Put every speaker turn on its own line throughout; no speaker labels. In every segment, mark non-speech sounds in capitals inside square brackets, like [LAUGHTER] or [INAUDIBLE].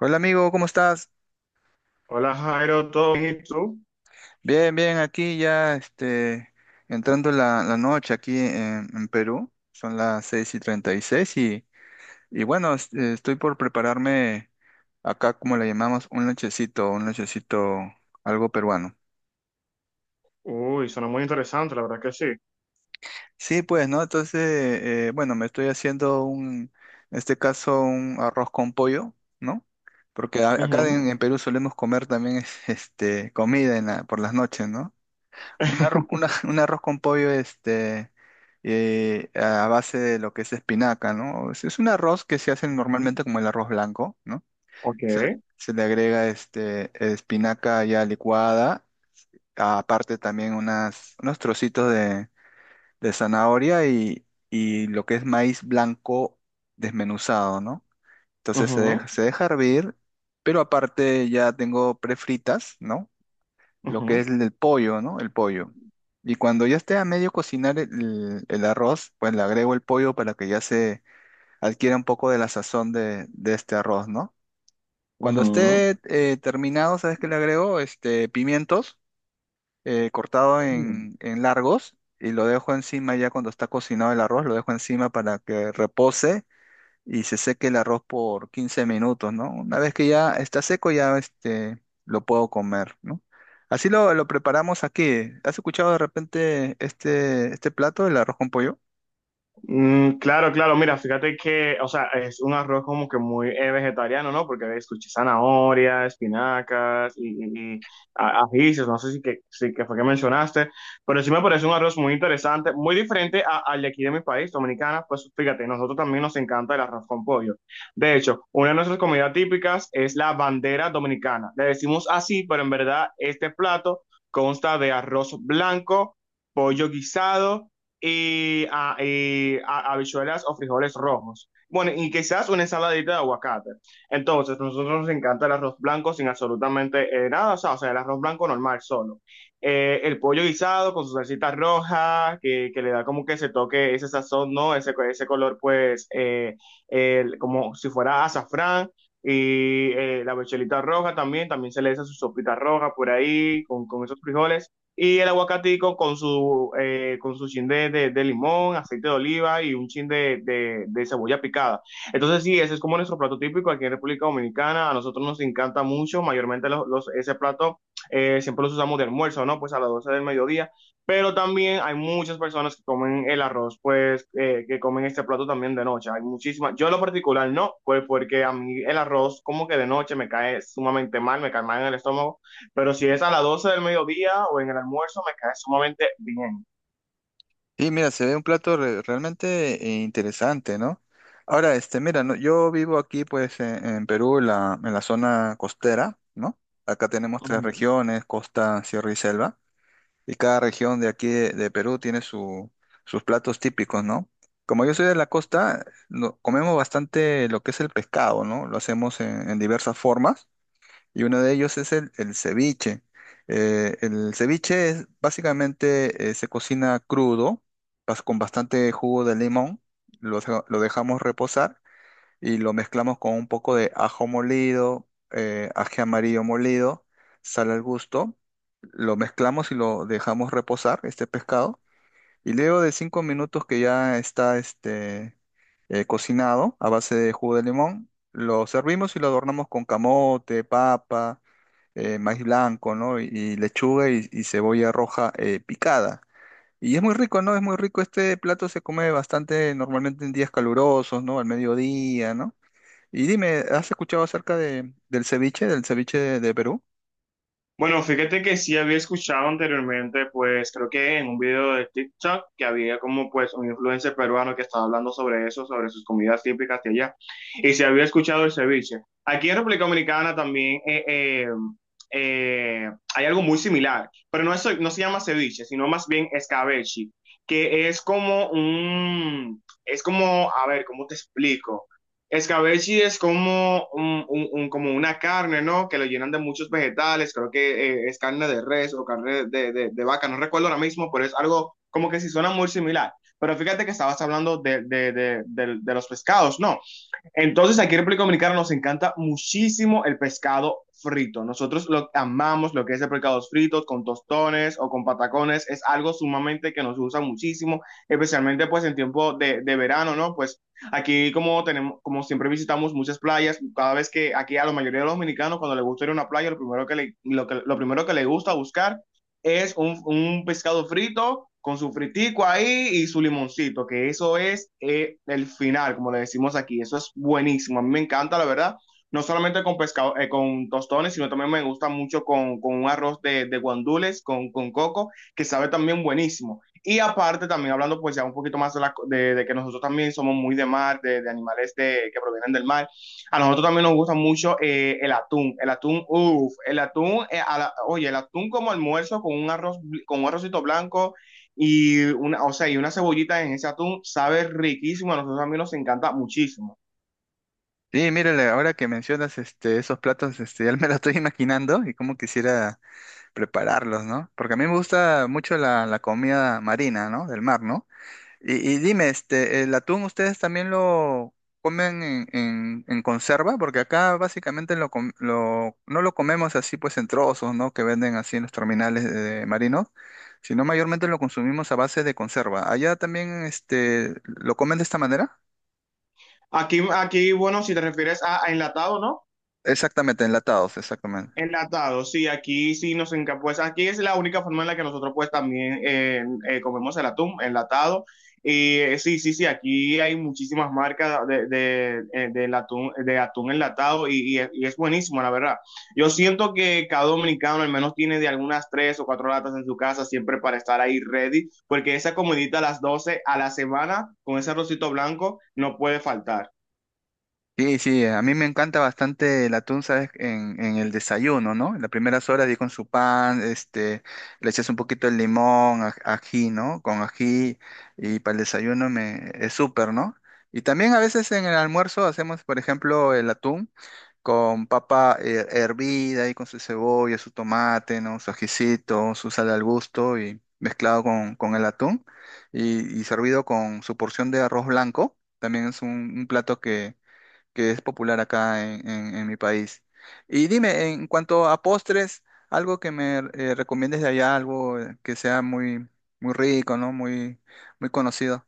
Hola amigo, ¿cómo estás?
Hola Jairo, ¿todo bien y tú?
Bien, bien, aquí ya entrando la noche aquí en Perú, son las 6 y 36 y, seis y bueno, estoy por prepararme acá, como le llamamos, un lonchecito algo peruano.
Uy, suena muy interesante, la verdad que sí.
Sí, pues, ¿no? Entonces, bueno, me estoy haciendo un, en este caso, un arroz con pollo, ¿no? Porque acá
Ujú.
en Perú solemos comer también [LAUGHS] este, comida por las noches, ¿no? Un arroz,
[LAUGHS]
[LAUGHS] un arroz con pollo este, a base de lo que es espinaca, ¿no? Es un arroz que se hace
Ujú.
normalmente como el arroz blanco, ¿no?
Ok.
Se, se le agrega este, espinaca ya licuada, aparte también unos trocitos de zanahoria y lo que es maíz blanco desmenuzado, ¿no? Entonces
Ujú,
se deja hervir, pero aparte ya tengo prefritas, ¿no?, lo que es el pollo, ¿no? El pollo. Y cuando ya esté a medio cocinar el arroz, pues le agrego el pollo para que ya se adquiera un poco de la sazón de este arroz, ¿no? Cuando
ujú,
esté terminado, ¿sabes qué le agrego? Este, pimientos cortado
ujú.
en largos, y lo dejo encima ya cuando está cocinado el arroz, lo dejo encima para que repose y se seque el arroz por 15 minutos, ¿no? Una vez que ya está seco, ya este, lo puedo comer, ¿no? Así lo preparamos aquí. ¿Has escuchado de repente este, este plato, el arroz con pollo?
Claro, claro, mira, fíjate que, o sea, es un arroz como que muy vegetariano, ¿no? Porque escuché zanahoria, espinacas y ajíes, no sé si que, si que fue que mencionaste, pero sí me parece un arroz muy interesante, muy diferente al de aquí de mi país, Dominicana. Pues fíjate, nosotros también nos encanta el arroz con pollo. De hecho, una de nuestras comidas típicas es la bandera dominicana. Le decimos así, pero en verdad este plato consta de arroz blanco, pollo guisado y habichuelas o frijoles rojos. Bueno, y quizás una ensaladita de aguacate. Entonces, nosotros nos encanta el arroz blanco sin absolutamente nada, o sea, el arroz blanco normal solo. El pollo guisado con su salsita roja, que le da como que ese toque, ese sazón, ¿no? Ese color, pues, como si fuera azafrán. Y la bechelita roja también, también se le echa su sopita roja por ahí, con esos frijoles. Y el aguacatico con su chin de, de limón, aceite de oliva y un chin de, de cebolla picada. Entonces sí, ese es como nuestro plato típico aquí en República Dominicana. A nosotros nos encanta mucho, mayormente ese plato siempre los usamos de almuerzo, ¿no? Pues a las 12 del mediodía. Pero también hay muchas personas que comen el arroz, pues que comen este plato también de noche. Hay muchísimas, yo en lo particular no, pues porque a mí el arroz como que de noche me cae sumamente mal, me cae mal en el estómago. Pero si es a las 12 del mediodía o en el almuerzo, me cae sumamente bien.
Y mira, se ve un plato realmente interesante, ¿no? Ahora, este, mira, no, yo vivo aquí, pues, en Perú, en la zona costera, ¿no? Acá tenemos tres
Ujú.
regiones: costa, sierra y selva. Y cada región de aquí de Perú tiene sus platos típicos, ¿no? Como yo soy de la costa, comemos bastante lo que es el pescado, ¿no? Lo hacemos en diversas formas, y uno de ellos es el ceviche. El ceviche es básicamente se cocina crudo, con bastante jugo de limón, lo dejamos reposar y lo mezclamos con un poco de ajo molido, ají amarillo molido, sal al gusto, lo mezclamos y lo dejamos reposar, este pescado, y luego de 5 minutos que ya está este, cocinado a base de jugo de limón, lo servimos y lo adornamos con camote, papa, maíz blanco, ¿no? Y lechuga y cebolla roja picada. Y es muy rico, ¿no? Es muy rico. Este plato se come bastante normalmente en días calurosos, ¿no? Al mediodía, ¿no? Y dime, ¿has escuchado acerca de, del ceviche de Perú?
Bueno, fíjate que sí había escuchado anteriormente, pues creo que en un video de TikTok que había como pues un influencer peruano que estaba hablando sobre eso, sobre sus comidas típicas de allá. Y sí había escuchado el ceviche. Aquí en República Dominicana también eh, hay algo muy similar, pero no, no se llama ceviche, sino más bien escabeche, que es como un, es como, a ver, ¿cómo te explico? Escabeche es como, como una carne, ¿no? Que lo llenan de muchos vegetales, creo que es carne de res o carne de, de vaca, no recuerdo ahora mismo, pero es algo como que sí suena muy similar. Pero fíjate que estabas hablando de los pescados, ¿no? Entonces, aquí en República Dominicana nos encanta muchísimo el pescado frito. Nosotros lo amamos, lo que es el pescado frito con tostones o con patacones. Es algo sumamente que nos usa muchísimo, especialmente pues en tiempo de verano, ¿no? Pues aquí como tenemos, como siempre visitamos muchas playas, cada vez que aquí a la mayoría de los dominicanos cuando les gusta ir a una playa, lo primero que le, lo que, lo primero que le gusta buscar es un pescado frito con su fritico ahí y su limoncito, que eso es el final, como le decimos aquí. Eso es buenísimo. A mí me encanta, la verdad. No solamente con pescado, con tostones, sino también me gusta mucho con un arroz de guandules, con coco, que sabe también buenísimo. Y aparte, también hablando pues ya un poquito más de, de que nosotros también somos muy de mar, de animales de, que provienen del mar. A nosotros también nos gusta mucho el atún, uff, el atún, oye, el atún como almuerzo con un arroz, con un arrocito blanco y una, o sea, y una cebollita en ese atún sabe riquísimo, a nosotros también nos encanta muchísimo.
Sí, mírale, ahora que mencionas este, esos platos, este, [LAUGHS] ya me lo estoy imaginando y cómo quisiera prepararlos, ¿no? Porque a mí me gusta mucho la, la comida marina, ¿no? Del mar, ¿no? Y dime, este, ¿el atún ustedes también lo comen en, en conserva? Porque acá básicamente no lo comemos así pues en trozos, ¿no? Que venden así en los terminales de marinos, sino mayormente lo consumimos a base de conserva. Allá también, este, ¿lo comen de esta manera?
Aquí, aquí, bueno, si te refieres a enlatado, ¿no?
Exactamente, enlatados, exactamente.
Enlatado, sí, aquí sí nos encanta, pues aquí es la única forma en la que nosotros pues también comemos el atún enlatado. Y sí, sí, sí, aquí hay muchísimas marcas de, del atún, de atún enlatado y, y es buenísimo, la verdad. Yo siento que cada dominicano al menos tiene de algunas 3 o 4 latas en su casa siempre para estar ahí ready, porque esa comidita a las 12 a la semana con ese arrocito blanco no puede faltar.
Sí, sí, a mí me encanta bastante el atún, ¿sabes? En el desayuno, ¿no? En las primeras horas, y con su pan, este, le echas un poquito de limón, ají, ¿no? Con ají, y para el desayuno me, es súper, ¿no? Y también a veces en el almuerzo hacemos, por ejemplo, el atún con papa hervida y con su cebolla, su tomate, ¿no? Su ajicito, su sal al gusto y mezclado con el atún y servido con su porción de arroz blanco. También es un plato que es popular acá en, en mi país. Y dime, en cuanto a postres, algo que me recomiendes de allá, algo que sea muy, muy rico, ¿no? Muy, muy conocido.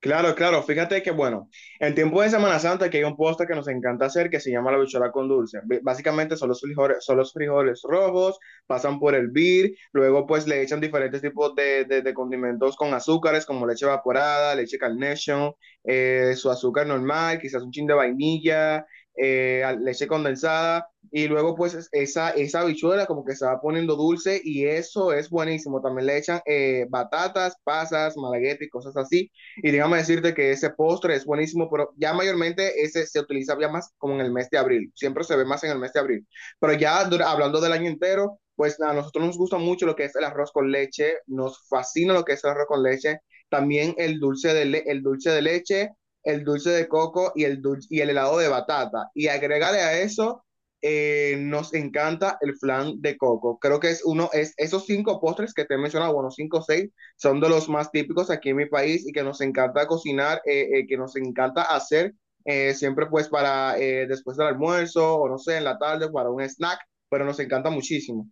Claro, claro, fíjate que bueno, en tiempo de Semana Santa que hay un postre que nos encanta hacer que se llama la bichuela con dulce. Básicamente son los frijoles rojos, pasan por el vir, luego pues le echan diferentes tipos de, de condimentos con azúcares como leche evaporada, leche Carnation, su azúcar normal, quizás un chin de vainilla, leche condensada y luego pues esa, esa bichuela como que se va poniendo dulce y eso es buenísimo. También le echan batatas, pasas, malagueta y cosas así. Y déjame decirte que ese postre es buenísimo, pero ya mayormente ese se utiliza ya más como en el mes de abril. Siempre se ve más en el mes de abril. Pero ya hablando del año entero, pues a nosotros nos gusta mucho lo que es el arroz con leche, nos fascina lo que es el arroz con leche, también el dulce de, el dulce de leche, el dulce de coco y el helado de batata. Y agregarle a eso, nos encanta el flan de coco. Creo que es uno, es esos 5 postres que te he mencionado, bueno, 5 o 6 son de los más típicos aquí en mi país y que nos encanta cocinar, que nos encanta hacer siempre pues para después del almuerzo o no sé, en la tarde para un snack, pero nos encanta muchísimo.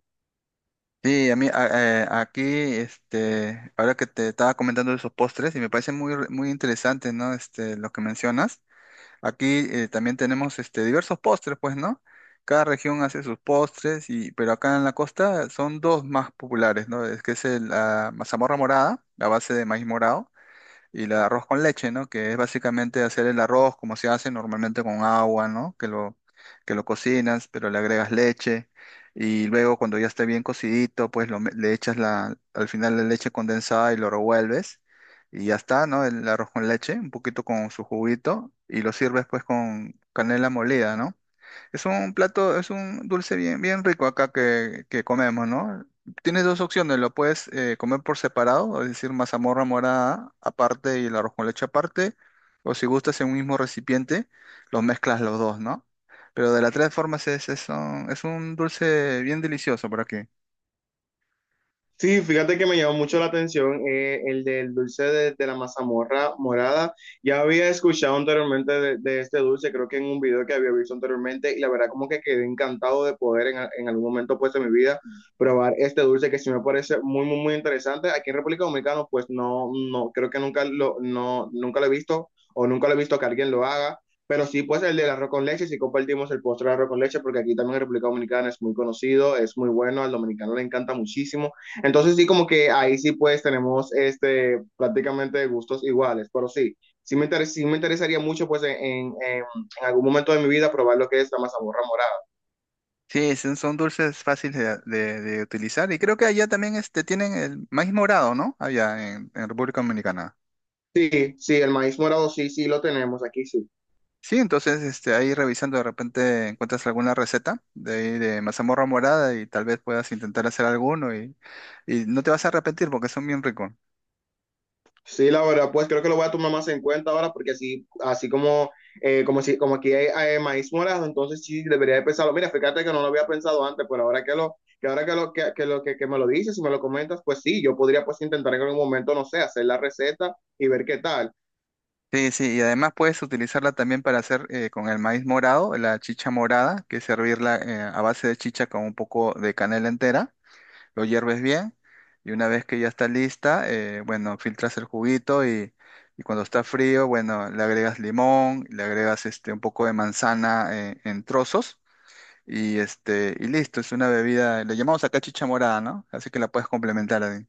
Sí, aquí, este, ahora que te estaba comentando de esos postres, y me parece muy, muy interesante, ¿no? Este, lo que mencionas. Aquí también tenemos este, diversos postres, pues, ¿no? Cada región hace sus postres, y, pero acá en la costa son dos más populares, ¿no? Es que es la mazamorra morada, la base de maíz morado, y el arroz con leche, ¿no? Que es básicamente hacer el arroz como se hace normalmente con agua, ¿no? Que lo cocinas, pero le agregas leche, y luego cuando ya esté bien cocidito, pues le echas al final la leche condensada y lo revuelves, y ya está, ¿no? El arroz con leche, un poquito con su juguito, y lo sirves pues con canela molida, ¿no? Es un plato, es un dulce bien, bien rico acá que comemos, ¿no? Tienes dos opciones: lo puedes comer por separado, es decir, mazamorra morada aparte y el arroz con leche aparte, o si gustas en un mismo recipiente, los mezclas los dos, ¿no? Pero de las tres formas es un dulce bien delicioso por aquí.
Sí, fíjate que me llamó mucho la atención el del dulce de la mazamorra morada. Ya había escuchado anteriormente de este dulce, creo que en un video que había visto anteriormente, y la verdad como que quedé encantado de poder en algún momento pues de mi vida probar este dulce que sí me parece muy, muy, muy interesante. Aquí en República Dominicana pues no, no, creo que nunca lo, no, nunca lo he visto o nunca lo he visto que alguien lo haga. Pero sí, pues el del arroz con leche, sí compartimos el postre de arroz con leche, porque aquí también en República Dominicana es muy conocido, es muy bueno, al dominicano le encanta muchísimo. Entonces sí, como que ahí sí pues tenemos este prácticamente gustos iguales, pero sí, sí me interesaría mucho pues en algún momento de mi vida probar lo que es la mazamorra morada.
Sí, son, son dulces fáciles de, de utilizar, y creo que allá también este, tienen el maíz morado, ¿no? Allá en República Dominicana.
Sí, sí, el maíz morado sí, sí lo tenemos aquí, sí.
Sí, entonces este, ahí revisando de repente encuentras alguna receta de ahí de mazamorra morada, y tal vez puedas intentar hacer alguno, y no te vas a arrepentir porque son bien ricos.
Sí, la verdad, pues creo que lo voy a tomar más en cuenta ahora porque así, así como, como, si, como aquí hay, maíz morado, entonces sí debería de pensarlo. Mira, fíjate que no lo había pensado antes, pero ahora que lo, que me lo dices y me lo comentas, pues sí, yo podría pues intentar en algún momento, no sé, hacer la receta y ver qué tal.
Sí, sí, y además puedes utilizarla también para hacer con el maíz morado, la chicha morada, que es servirla a base de chicha con un poco de canela entera, lo hierves bien, y una vez que ya está lista, bueno, filtras el juguito, y cuando está frío, bueno, le agregas limón, le agregas este, un poco de manzana en trozos. Y este, y listo, es una bebida, le llamamos acá chicha morada, ¿no? Así que la puedes complementar ahí.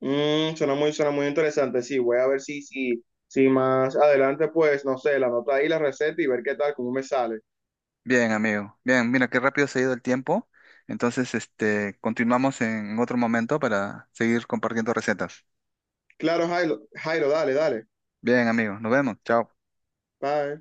Suena muy interesante. Sí, voy a ver si más adelante, pues, no sé, la nota ahí, la receta y ver qué tal, cómo me sale.
Bien, amigo. Bien, mira qué rápido se ha ido el tiempo. Entonces, este, continuamos en otro momento para seguir compartiendo recetas.
Claro, Jairo, Jairo, dale, dale.
Bien, amigo, nos vemos. Chao.
Bye.